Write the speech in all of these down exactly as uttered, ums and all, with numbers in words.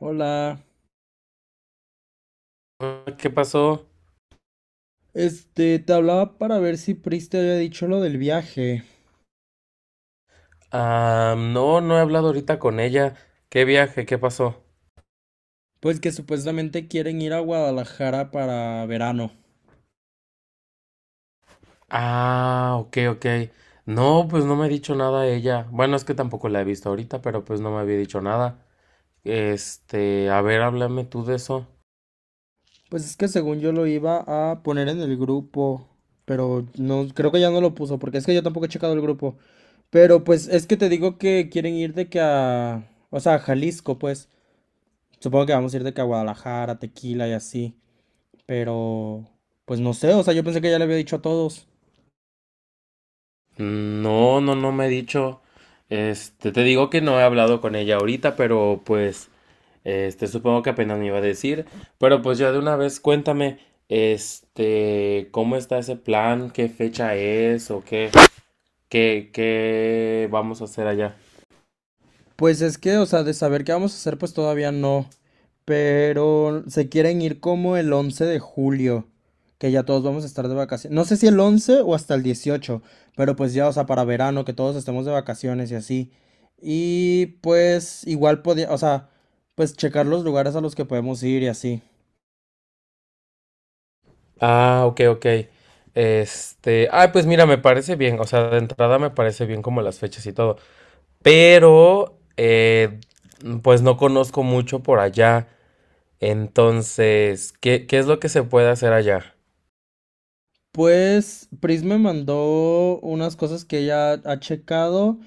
Hola, Hola, ¿qué pasó? este, te hablaba para ver si Pris te había dicho lo del viaje. Ah, no, no he hablado ahorita con ella. ¿Qué viaje? ¿Qué pasó? Pues que supuestamente quieren ir a Guadalajara para verano. Ah, ok, ok. No, pues no me ha dicho nada ella. Bueno, es que tampoco la he visto ahorita, pero pues no me había dicho nada. Este, a ver, háblame tú de eso. Pues es que según yo lo iba a poner en el grupo, pero no, creo que ya no lo puso, porque es que yo tampoco he checado el grupo. Pero pues es que te digo que quieren ir de que a, o sea, a Jalisco, pues. Supongo que vamos a ir de que a Guadalajara, Tequila y así. Pero, pues no sé, o sea, yo pensé que ya le había dicho a todos. No, no, no me ha dicho. Este, te digo que no he hablado con ella ahorita, pero pues, este, supongo que apenas me iba a decir. Pero pues ya de una vez, cuéntame, este, ¿cómo está ese plan? ¿Qué fecha es o qué? ¿Qué, qué vamos a hacer allá? Pues es que, o sea, de saber qué vamos a hacer, pues todavía no. Pero se quieren ir como el once de julio, que ya todos vamos a estar de vacaciones. No sé si el once o hasta el dieciocho, pero pues ya, o sea, para verano, que todos estemos de vacaciones y así. Y pues igual podía, o sea, pues checar los lugares a los que podemos ir y así. Ah, ok, ok. Este, ah, pues mira, me parece bien, o sea, de entrada me parece bien como las fechas y todo, pero, eh, pues no conozco mucho por allá, entonces, ¿qué, qué es lo que se puede hacer allá? Pues Pris me mandó unas cosas que ella ha checado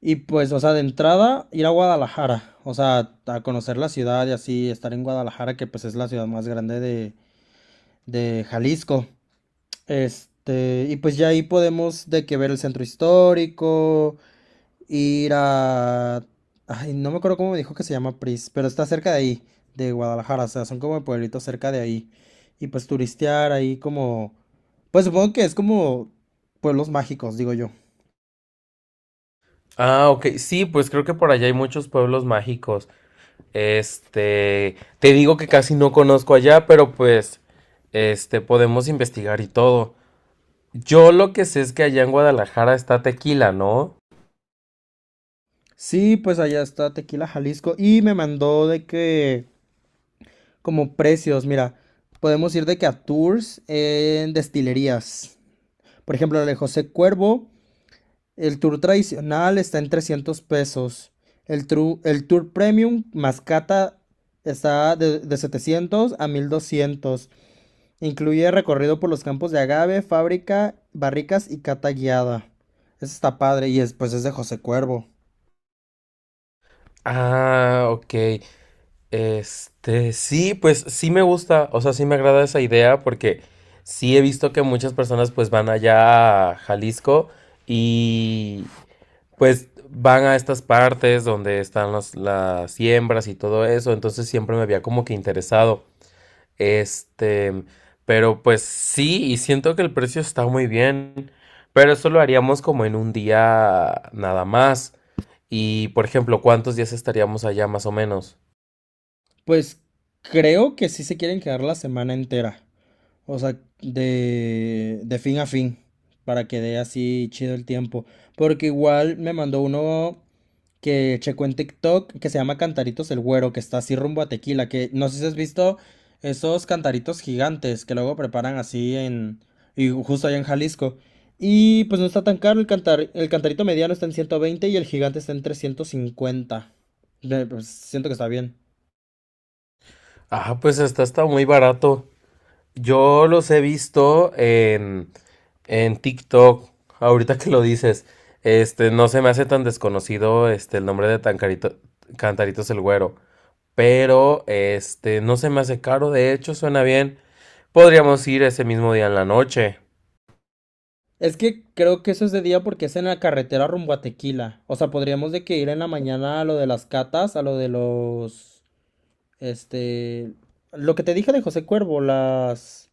y pues, o sea, de entrada ir a Guadalajara, o sea, a conocer la ciudad y así estar en Guadalajara, que pues es la ciudad más grande de, de Jalisco. Este, y pues ya ahí podemos de que ver el centro histórico, ir a... Ay, no me acuerdo cómo me dijo que se llama Pris, pero está cerca de ahí, de Guadalajara, o sea, son como pueblitos cerca de ahí. Y pues turistear ahí como pues supongo que es como pueblos mágicos, digo yo. Ah, ok, sí, pues creo que por allá hay muchos pueblos mágicos, este, te digo que casi no conozco allá, pero pues, este, podemos investigar y todo. Yo lo que sé es que allá en Guadalajara está Tequila, ¿no? Sí, pues allá está Tequila Jalisco y me mandó de que como precios, mira, podemos ir de que a tours en destilerías. Por ejemplo, el de José Cuervo, el tour tradicional está en trescientos pesos. El, tru- el tour premium Mascata está de, de setecientos a mil doscientos. Incluye recorrido por los campos de agave, fábrica, barricas y cata guiada. Eso está padre y es, pues es de José Cuervo. Ah, ok. Este, sí, pues sí me gusta, o sea, sí me agrada esa idea porque sí he visto que muchas personas pues van allá a Jalisco y pues van a estas partes donde están las, las siembras y todo eso, entonces siempre me había como que interesado. Este, pero pues sí, y siento que el precio está muy bien, pero eso lo haríamos como en un día nada más. Y por ejemplo, ¿cuántos días estaríamos allá más o menos? Pues creo que sí se quieren quedar la semana entera. O sea, de, de fin a fin. Para que dé así chido el tiempo. Porque igual me mandó uno que checó en TikTok que se llama Cantaritos el Güero, que está así rumbo a Tequila, que no sé si has visto esos cantaritos gigantes que luego preparan así en, y justo allá en Jalisco. Y pues no está tan caro, el cantar, el cantarito mediano está en ciento veinte y el gigante está en trescientos cincuenta. Eh, pues, siento que está bien. Ah, pues está, está muy barato. Yo los he visto en, en TikTok, ahorita que lo dices. Este, no se me hace tan desconocido este, el nombre de Tancarito, Cantaritos el Güero. Pero, este, no se me hace caro, de hecho, suena bien. Podríamos ir ese mismo día en la noche. Es que creo que eso es de día porque es en la carretera rumbo a Tequila. O sea, podríamos de que ir en la mañana a lo de las catas, a lo de los... Este, lo que te dije de José Cuervo, las,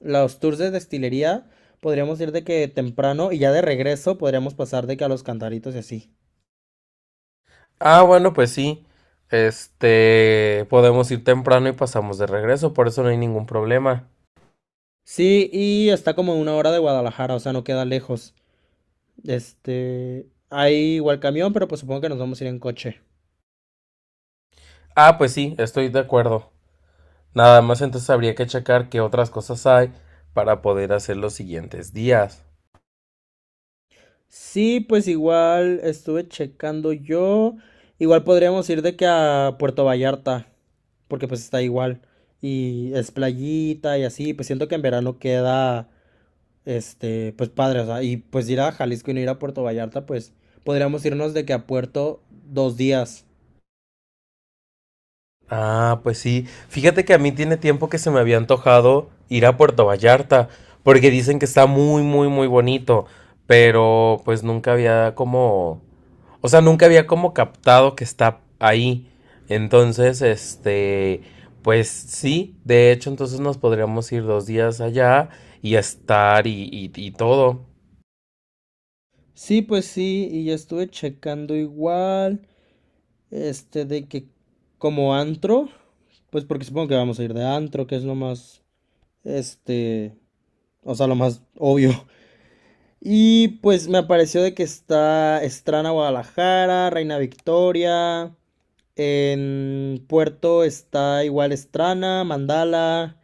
los tours de destilería, podríamos ir de que temprano y ya de regreso podríamos pasar de que a los cantaritos y así. Ah, bueno, pues sí. Este, podemos ir temprano y pasamos de regreso, por eso no hay ningún problema. Sí, y está como a una hora de Guadalajara, o sea, no queda lejos. Este, hay igual camión, pero pues supongo que nos vamos a ir en coche. Ah, pues sí, estoy de acuerdo. Nada más entonces habría que checar qué otras cosas hay para poder hacer los siguientes días. Sí, pues igual estuve checando yo. Igual podríamos ir de que a Puerto Vallarta, porque pues está igual. Y es playita y así, pues siento que en verano queda. Este, pues padre, o sea, y pues ir a Jalisco y no ir a Puerto Vallarta, pues podríamos irnos de que a Puerto dos días. Ah, pues sí. Fíjate que a mí tiene tiempo que se me había antojado ir a Puerto Vallarta, porque dicen que está muy, muy, muy bonito, pero pues nunca había como, o sea, nunca había como captado que está ahí. Entonces, este, pues sí, de hecho, entonces nos podríamos ir dos días allá y estar y, y, y todo. Sí, pues sí, y ya estuve checando igual, este, de que como antro, pues porque supongo que vamos a ir de antro, que es lo más, este, o sea, lo más obvio. Y pues me apareció de que está Estrana Guadalajara, Reina Victoria, en Puerto está igual Estrana, Mandala,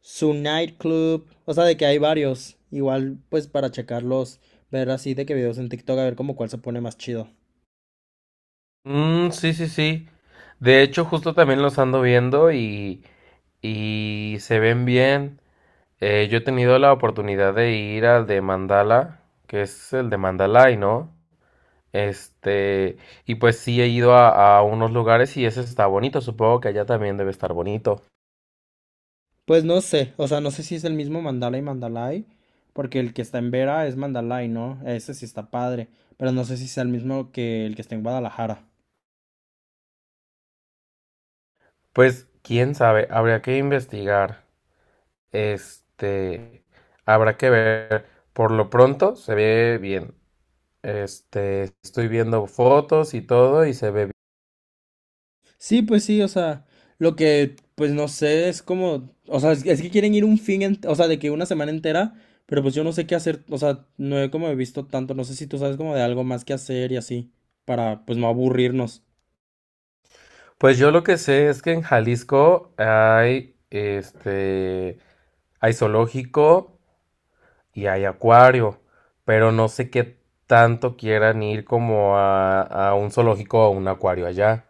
Su nightclub. O sea, de que hay varios. Igual, pues para checarlos, ver así de que videos en TikTok, a ver como cuál se pone más chido. Mm, sí, sí, sí. De hecho, justo también los ando viendo y, y se ven bien. Eh, yo he tenido la oportunidad de ir al de Mandala, que es el de Mandalay, ¿no? Este, y pues sí he ido a, a unos lugares y ese está bonito, supongo que allá también debe estar bonito. Pues no sé, o sea, no sé si es el mismo Mandalay Mandalay, porque el que está en Vera es Mandalay, ¿no? Ese sí está padre, pero no sé si sea el mismo que el que está en Guadalajara. Pues quién sabe, habría que investigar. Este, Habrá que ver. Por lo pronto se ve bien. Este, estoy viendo fotos y todo y se ve bien. Sí, pues sí, o sea, lo que, pues no sé, es como, o sea, es, es que quieren ir un fin, ent- o sea, de que una semana entera, pero pues yo no sé qué hacer, o sea, no he como visto tanto, no sé si tú sabes como de algo más que hacer y así, para pues no aburrirnos. Pues yo lo que sé es que en Jalisco hay, este, hay zoológico, y hay acuario, pero no sé qué tanto quieran ir como a, a un zoológico o a un acuario allá.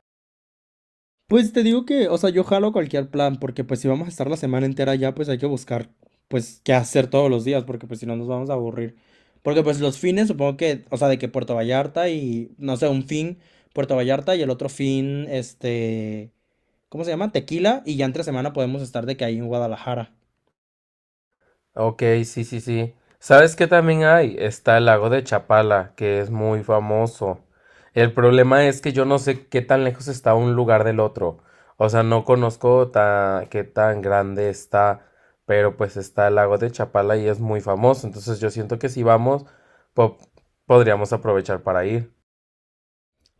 Pues te digo que, o sea, yo jalo cualquier plan, porque pues si vamos a estar la semana entera allá pues hay que buscar, pues, qué hacer todos los días, porque pues si no nos vamos a aburrir. Porque pues los fines, supongo que, o sea, de que Puerto Vallarta y, no sé, un fin Puerto Vallarta y el otro fin, este... ¿cómo se llama? Tequila, y ya entre semana podemos estar de que ahí en Guadalajara. Ok, sí, sí, sí. ¿Sabes qué también hay? Está el lago de Chapala, que es muy famoso. El problema es que yo no sé qué tan lejos está un lugar del otro. O sea, no conozco ta- qué tan grande está, pero pues está el lago de Chapala y es muy famoso. Entonces yo siento que si vamos, po- podríamos aprovechar para ir.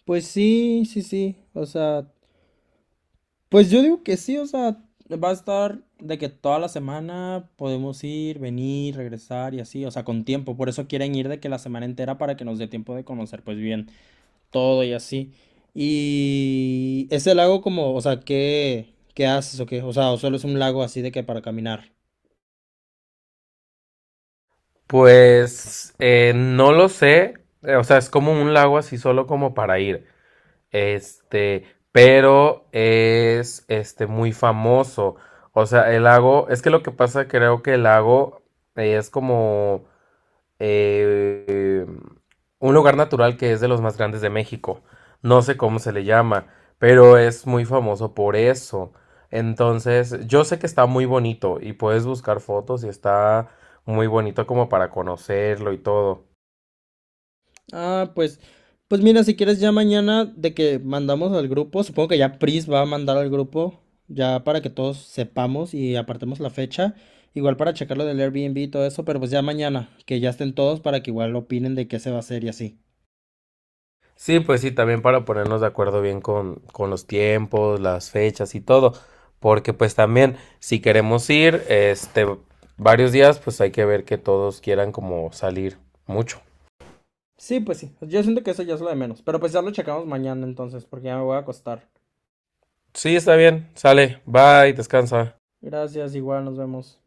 Pues sí, sí, sí, o sea, pues yo digo que sí, o sea, va a estar de que toda la semana podemos ir, venir, regresar y así, o sea, con tiempo, por eso quieren ir de que la semana entera para que nos dé tiempo de conocer pues bien todo y así. Y ese lago como, o sea, ¿qué, qué haces o qué? O sea, o solo es un lago así de que para caminar. Pues eh, no lo sé, eh, o sea, es como un lago así solo como para ir, este, pero es este muy famoso, o sea, el lago, es que lo que pasa creo que el lago eh, es como eh, un lugar natural que es de los más grandes de México. No sé cómo se le llama, pero es muy famoso por eso. Entonces, yo sé que está muy bonito y puedes buscar fotos y está muy bonito como para conocerlo y todo. Ah, pues, pues mira, si quieres ya mañana de que mandamos al grupo, supongo que ya Pris va a mandar al grupo, ya para que todos sepamos y apartemos la fecha, igual para checar lo del Airbnb y todo eso, pero pues ya mañana, que ya estén todos para que igual opinen de qué se va a hacer y así. Sí, pues sí, también para ponernos de acuerdo bien con, con los tiempos, las fechas y todo. Porque pues también, si queremos ir, este, varios días, pues hay que ver que todos quieran como salir mucho. Sí, pues sí, yo siento que eso ya es lo de menos, pero pues ya lo checamos mañana entonces, porque ya me voy a acostar. Sí, está bien. Sale. Bye. Descansa. Gracias, igual nos vemos.